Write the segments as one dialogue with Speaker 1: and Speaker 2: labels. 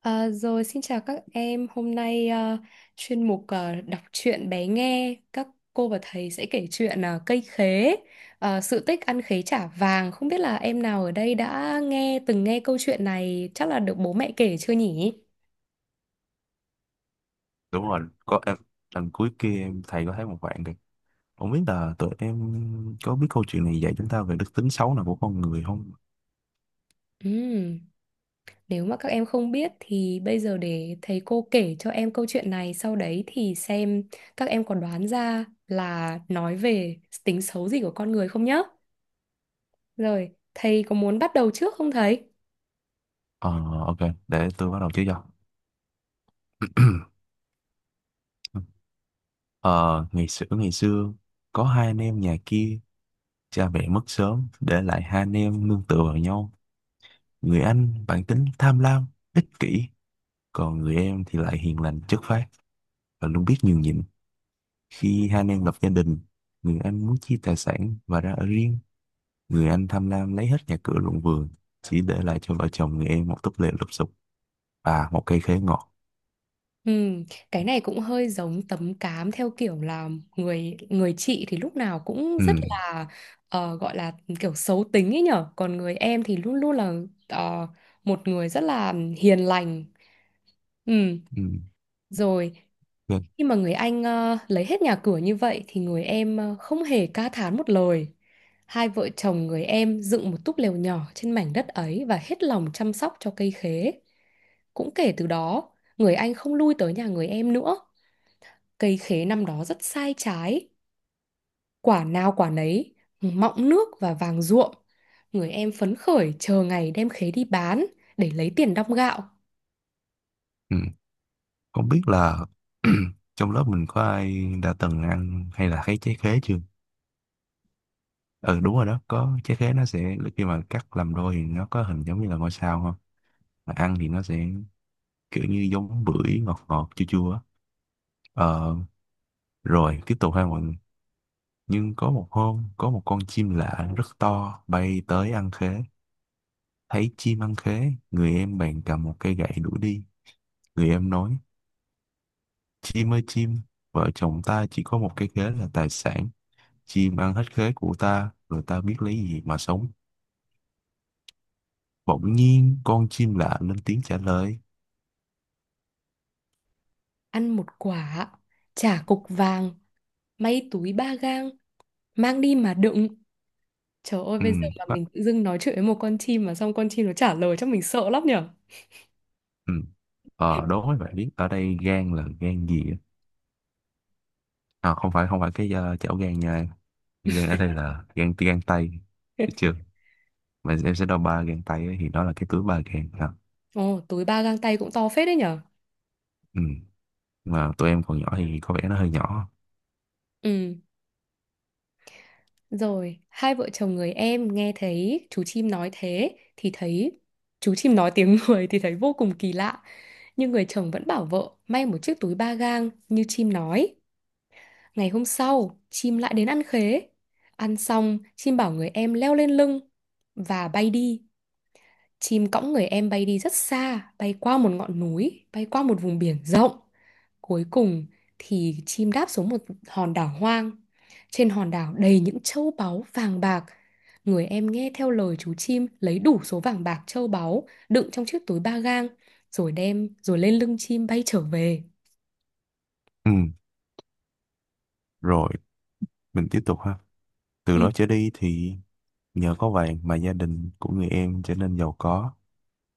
Speaker 1: À, rồi xin chào các em, hôm nay chuyên mục đọc truyện bé nghe các cô và thầy sẽ kể chuyện cây khế, sự tích ăn khế trả vàng. Không biết là em nào ở đây đã nghe từng nghe câu chuyện này chắc là được bố mẹ kể chưa nhỉ?
Speaker 2: Đúng rồi. Có em. Lần cuối kia em thầy có thấy một bạn kìa. Không biết là tụi em có biết câu chuyện này dạy chúng ta về đức tính xấu nào của con người không.
Speaker 1: Ừm, Nếu mà các em không biết thì bây giờ để thầy cô kể cho em câu chuyện này, sau đấy thì xem các em có đoán ra là nói về tính xấu gì của con người không nhá. Rồi, thầy có muốn bắt đầu trước không thầy?
Speaker 2: ờ OK, để tôi bắt đầu chứ cho. Ờ Ngày xưa ngày xưa có hai anh em nhà kia, cha mẹ mất sớm để lại hai anh em nương tựa vào nhau. Người anh bản tính tham lam, ích kỷ, còn người em thì lại hiền lành chất phác và luôn biết nhường nhịn. Khi hai anh em lập gia đình, người anh muốn chia tài sản và ra ở riêng. Người anh tham lam lấy hết nhà cửa ruộng vườn, chỉ để lại cho vợ chồng người em một túp lều lụp xụp và một cây khế ngọt.
Speaker 1: Ừ, cái này cũng hơi giống tấm cám theo kiểu là người người chị thì lúc nào cũng
Speaker 2: Ừ,
Speaker 1: rất là gọi là kiểu xấu tính ấy nhở, còn người em thì luôn luôn là ờ, một người rất là hiền lành ừ,
Speaker 2: ừ,
Speaker 1: Rồi,
Speaker 2: OK,
Speaker 1: khi mà người anh lấy hết nhà cửa như vậy thì người em không hề ca thán một lời. Hai vợ chồng người em dựng một túp lều nhỏ trên mảnh đất ấy và hết lòng chăm sóc cho cây khế. Cũng kể từ đó, người anh không lui tới nhà người em nữa. Cây khế năm đó rất sai trái, quả nào quả nấy, mọng nước và vàng ruộm. Người em phấn khởi chờ ngày đem khế đi bán để lấy tiền đong gạo.
Speaker 2: ừ. Không biết là trong lớp mình có ai đã từng ăn hay là thấy trái khế chưa? Ừ, đúng rồi đó, có trái khế nó sẽ khi mà cắt làm đôi thì nó có hình giống như là ngôi sao không? Mà ăn thì nó sẽ kiểu như giống bưởi, ngọt ngọt chua chua á. Ờ, rồi tiếp tục ha mọi người. Nhưng có một hôm, có một con chim lạ rất to bay tới ăn khế. Thấy chim ăn khế, người em bèn cầm một cây gậy đuổi đi. Người em nói, chim ơi chim, vợ chồng ta chỉ có một cây khế là tài sản. Chim ăn hết khế của ta, rồi ta biết lấy gì mà sống. Bỗng nhiên, con chim lạ lên tiếng trả lời.
Speaker 1: Ăn một quả, trả cục vàng, may túi 3 gang, mang đi mà đựng. Trời ơi,
Speaker 2: Ừ,
Speaker 1: bây giờ mà
Speaker 2: quá,
Speaker 1: mình tự dưng nói chuyện với một con chim mà xong con chim nó trả lời cho mình sợ lắm nhở.
Speaker 2: ừ. Ờ, đố mấy bạn biết, ở đây gan là gan gì á? À, không phải, không phải cái chảo gan nha. Gan ở đây là gan, gan tay. Được chưa? Mà em sẽ đo ba gan tay á, thì đó là cái túi ba gan. À,
Speaker 1: Ồ, túi 3 gang tay cũng to phết đấy nhở.
Speaker 2: ừ. Mà tụi em còn nhỏ thì có vẻ nó hơi nhỏ.
Speaker 1: Ừ. Rồi, hai vợ chồng người em nghe thấy chú chim nói thế thì thấy chú chim nói tiếng người thì thấy vô cùng kỳ lạ. Nhưng người chồng vẫn bảo vợ may một chiếc túi ba gang như chim nói. Ngày hôm sau, chim lại đến ăn khế. Ăn xong, chim bảo người em leo lên lưng và bay đi. Chim cõng người em bay đi rất xa, bay qua một ngọn núi, bay qua một vùng biển rộng. Cuối cùng thì chim đáp xuống một hòn đảo hoang. Trên hòn đảo đầy những châu báu vàng bạc. Người em nghe theo lời chú chim lấy đủ số vàng bạc châu báu đựng trong chiếc túi ba gang rồi đem rồi lên lưng chim bay trở về.
Speaker 2: Ừ. Rồi mình tiếp tục ha. Từ
Speaker 1: Ừ.
Speaker 2: đó trở đi thì nhờ có vàng mà gia đình của người em trở nên giàu có,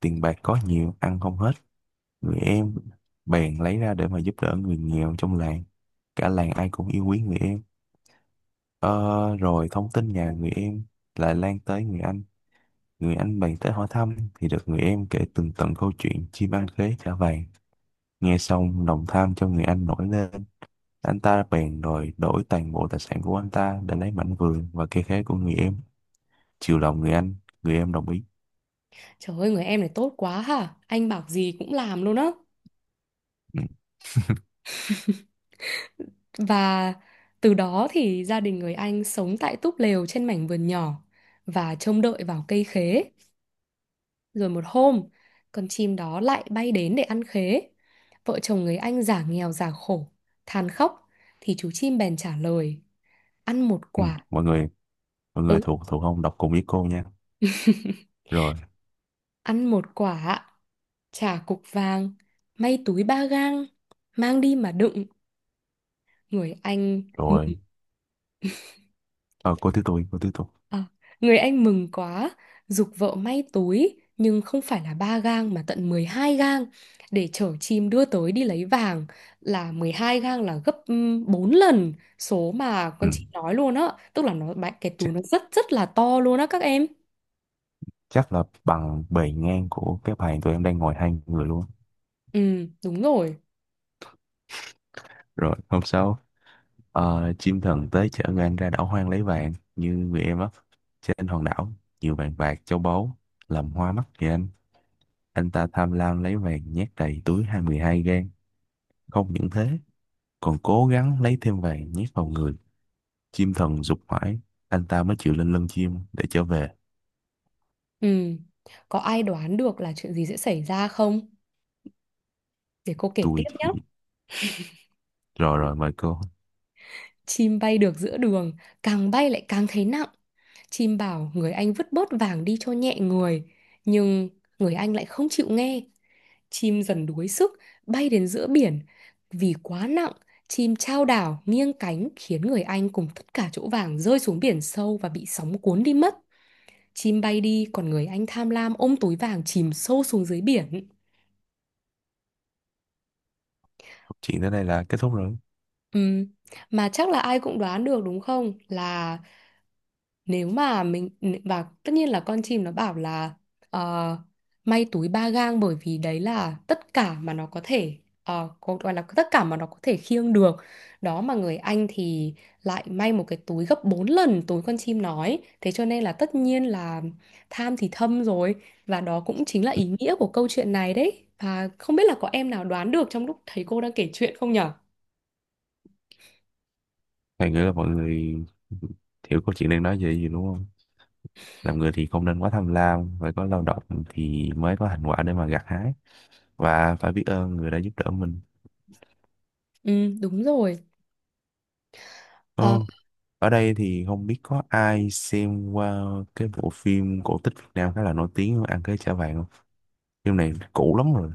Speaker 2: tiền bạc có nhiều, ăn không hết. Người em bèn lấy ra để mà giúp đỡ người nghèo trong làng. Cả làng ai cũng yêu quý người em. Ờ, rồi thông tin nhà người em lại lan tới người anh. Người anh bèn tới hỏi thăm thì được người em kể tường tận câu chuyện chim ăn khế trả vàng. Nghe xong lòng tham trong người anh nổi lên. Anh ta bèn đòi đổi toàn bộ tài sản của anh ta để lấy mảnh vườn và cây khế của người em. Chiều lòng người anh, người em đồng ý.
Speaker 1: Trời ơi, người em này tốt quá hả? Anh bảo gì cũng làm luôn á.
Speaker 2: Ừ.
Speaker 1: Và từ đó thì gia đình người anh sống tại túp lều trên mảnh vườn nhỏ và trông đợi vào cây khế. Rồi một hôm, con chim đó lại bay đến để ăn khế. Vợ chồng người anh giả nghèo giả khổ, than khóc, thì chú chim bèn trả lời. Ăn một
Speaker 2: Ừ.
Speaker 1: quả,
Speaker 2: Mọi người, mọi người
Speaker 1: ừ,
Speaker 2: thuộc thuộc không, đọc cùng với cô nha. Rồi,
Speaker 1: Ăn một quả, trả cục vàng, may túi ba gang, mang đi mà đựng. Người anh mừng
Speaker 2: rồi. Ờ, cô thứ tôi, cô thứ tôi.
Speaker 1: À, người anh mừng quá, giục vợ may tối, nhưng không phải là 3 gang mà tận 12 gang để chở chim đưa tới đi lấy vàng, là 12 gang là gấp 4 lần số mà
Speaker 2: Ừ.
Speaker 1: con chị nói luôn á, tức là nó bạn cái túi
Speaker 2: Chắc,
Speaker 1: nó rất rất là to luôn á các em.
Speaker 2: chắc là bằng bề ngang của cái bàn tụi em đang ngồi hai người luôn.
Speaker 1: Ừ, đúng rồi.
Speaker 2: Rồi hôm sau, chim thần tới chở người anh ra đảo hoang lấy vàng như người em á. Trên hòn đảo nhiều vàng bạc châu báu làm hoa mắt người anh. Anh ta tham lam lấy vàng nhét đầy túi 22 gang. Không những thế, còn cố gắng lấy thêm vàng nhét vào người. Chim thần giục mãi, anh ta mới chịu lên lưng chim để trở về.
Speaker 1: Ừ. Có ai đoán được là chuyện gì sẽ xảy ra không? Để cô kể tiếp
Speaker 2: Tôi
Speaker 1: nhé.
Speaker 2: thì rồi, rồi mời cô.
Speaker 1: Chim bay được giữa đường, càng bay lại càng thấy nặng. Chim bảo người anh vứt bớt vàng đi cho nhẹ người, nhưng người anh lại không chịu nghe. Chim dần đuối sức, bay đến giữa biển. Vì quá nặng, chim chao đảo nghiêng cánh khiến người anh cùng tất cả chỗ vàng rơi xuống biển sâu và bị sóng cuốn đi mất. Chim bay đi, còn người anh tham lam ôm túi vàng chìm sâu xuống dưới biển.
Speaker 2: Câu chuyện tới đây là kết thúc rồi.
Speaker 1: Ừm, Mà chắc là ai cũng đoán được đúng không? Là nếu mà mình, và tất nhiên là con chim nó bảo là ờ, may túi ba gang bởi vì đấy là tất cả mà nó có thể có gọi là tất cả mà nó có thể khiêng được. Đó, mà người anh thì lại may một cái túi gấp 4 lần túi con chim nói. Thế cho nên là tất nhiên là tham thì thâm rồi, và đó cũng chính là ý nghĩa của câu chuyện này đấy. Và không biết là có em nào đoán được trong lúc thấy cô đang kể chuyện không nhở?
Speaker 2: Thầy nghĩ là mọi người hiểu câu chuyện đang nói về gì đúng không. Làm người thì không nên quá tham lam, phải có lao động thì mới có thành quả để mà gặt hái, và phải biết ơn người đã giúp đỡ mình.
Speaker 1: Ừ, đúng rồi. Ờ,
Speaker 2: Ồ, ở đây thì không biết có ai xem qua cái bộ phim cổ tích Việt Nam khá là nổi tiếng Ăn Cái Chả Vàng không. Phim này cũ lắm rồi,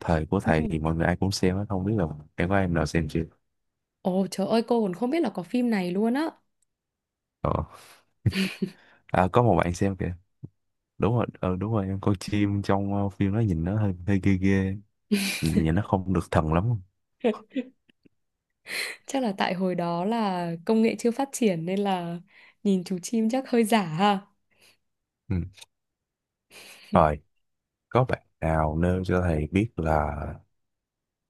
Speaker 2: thời của
Speaker 1: ừ.
Speaker 2: thầy thì mọi người ai cũng xem á, không biết là em có em nào xem chưa.
Speaker 1: Ồ trời ơi, cô còn không biết là có phim này luôn á.
Speaker 2: Ờ. À, có một bạn xem kìa. Đúng rồi, đúng rồi, em coi chim trong phim nó nhìn nó hơi hơi ghê ghê, nhìn nó không được thần lắm.
Speaker 1: Chắc là tại hồi đó là công nghệ chưa phát triển nên là nhìn chú chim chắc hơi giả ha.
Speaker 2: Ừ. Rồi có bạn nào nêu cho thầy biết là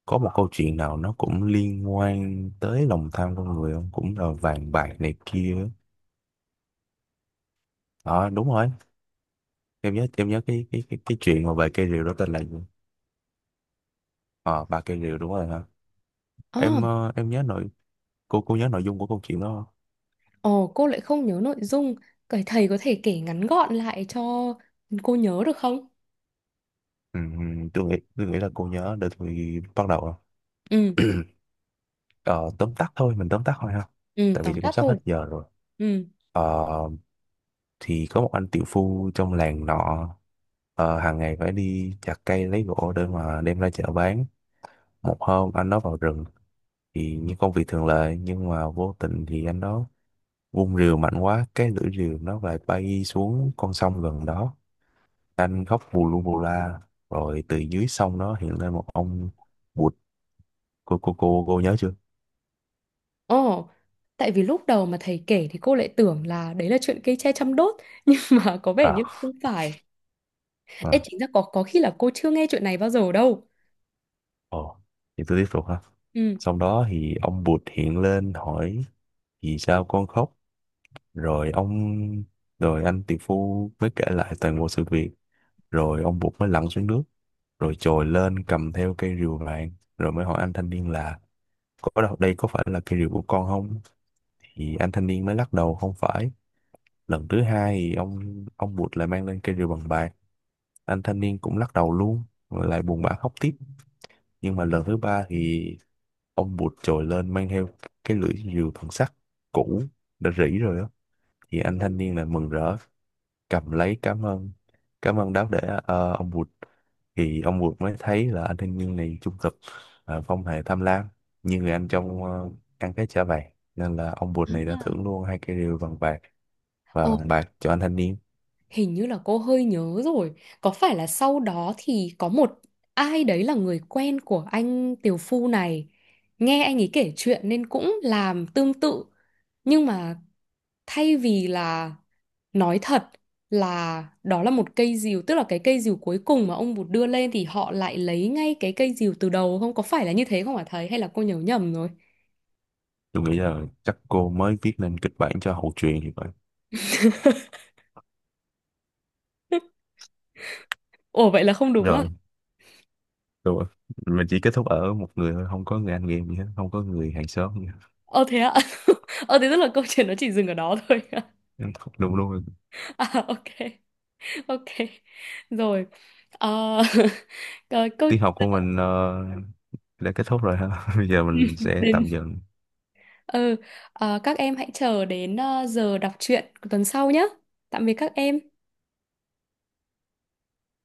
Speaker 2: có một câu chuyện nào nó cũng liên quan tới lòng tham con người không, cũng là vàng bạc này kia á. Ờ đúng rồi, em nhớ cái cái chuyện mà về cây rìu đó tên là gì. Ờ ba cây rìu đúng rồi hả.
Speaker 1: À,
Speaker 2: Em ờ, em nhớ nội Cô nhớ nội dung của câu chuyện đó không?
Speaker 1: ồ cô lại không nhớ nội dung. Cái thầy có thể kể ngắn gọn lại cho cô nhớ được không?
Speaker 2: Ừ, tôi nghĩ là cô nhớ để tôi bắt đầu.
Speaker 1: Ừ,
Speaker 2: Ờ, tóm tắt thôi, mình tóm tắt thôi ha.
Speaker 1: ừ,
Speaker 2: Tại vì
Speaker 1: tóm
Speaker 2: cũng
Speaker 1: tắt
Speaker 2: sắp hết
Speaker 1: thôi.
Speaker 2: giờ rồi.
Speaker 1: Ừ.
Speaker 2: Ờ, thì có một anh tiểu phu trong làng nọ, hàng ngày phải đi chặt cây lấy gỗ để mà đem ra chợ bán. Một hôm anh đó vào rừng thì như công việc thường lệ, nhưng mà vô tình thì anh đó vung rìu mạnh quá, cái lưỡi rìu nó lại bay xuống con sông gần đó. Anh khóc bù lu bù la, rồi từ dưới sông đó hiện lên một ông bụt. Cô nhớ chưa?
Speaker 1: Ồ, tại vì lúc đầu mà thầy kể thì cô lại tưởng là đấy là chuyện cây tre chăm đốt nhưng mà có vẻ
Speaker 2: À,
Speaker 1: như không phải. Ê,
Speaker 2: à.
Speaker 1: chính ra có khi là cô chưa nghe chuyện này bao giờ đâu.
Speaker 2: Ồ, thì tôi tiếp tục ha.
Speaker 1: Ừ.
Speaker 2: Xong đó thì ông bụt hiện lên hỏi vì sao con khóc. Rồi ông, Rồi anh tỷ phu mới kể lại toàn bộ sự việc. Rồi ông bụt mới lặn xuống nước. Rồi trồi lên cầm theo cây rìu vàng. Rồi mới hỏi anh thanh niên là có đâu đây có phải là cây rìu của con không? Thì anh thanh niên mới lắc đầu không phải. Lần thứ hai thì ông bụt lại mang lên cây rìu bằng bạc. Anh thanh niên cũng lắc đầu luôn. Rồi lại buồn bã khóc tiếp. Nhưng mà lần thứ ba thì ông bụt trồi lên mang theo cái lưỡi rìu bằng sắt cũ đã rỉ rồi á. Thì anh thanh niên là mừng rỡ, cầm lấy cảm ơn. Cảm ơn đáo để ông bụt. Thì ông bụt mới thấy là anh thanh niên này trung thực, không hề tham lam như người anh trong ăn cái chả vàng. Nên là ông bụt này đã thưởng luôn hai cái rìu bằng bạc và bằng bạc cho anh thanh niên.
Speaker 1: Hình như là cô hơi nhớ rồi. Có phải là sau đó thì có một ai đấy là người quen của anh Tiều Phu này. Nghe anh ấy kể chuyện nên cũng làm tương tự. Nhưng mà thay vì là nói thật là đó là một cây dìu, tức là cái cây dìu cuối cùng mà ông Bụt đưa lên, thì họ lại lấy ngay cái cây dìu từ đầu không? Có phải là như thế không hả thầy? Hay là cô nhớ nhầm rồi?
Speaker 2: Tôi nghĩ là chắc cô mới viết nên kịch bản cho hậu truyện thì phải.
Speaker 1: Ồ, vậy là không đúng à?
Speaker 2: Rồi, rồi. Mình chỉ kết thúc ở một người thôi, không có người anh em gì hết, không có người hàng xóm gì hết.
Speaker 1: Ờ, thế ạ. Ờ, thế tức là câu chuyện nó chỉ dừng ở đó thôi.
Speaker 2: Đúng luôn.
Speaker 1: À, ok. Ok. Rồi. Ờ, ờ, câu
Speaker 2: Tiết học của mình đã kết thúc rồi ha. Bây giờ mình sẽ
Speaker 1: đến
Speaker 2: tạm dừng
Speaker 1: ừ, các em hãy chờ đến giờ đọc truyện của tuần sau nhé. Tạm biệt các em.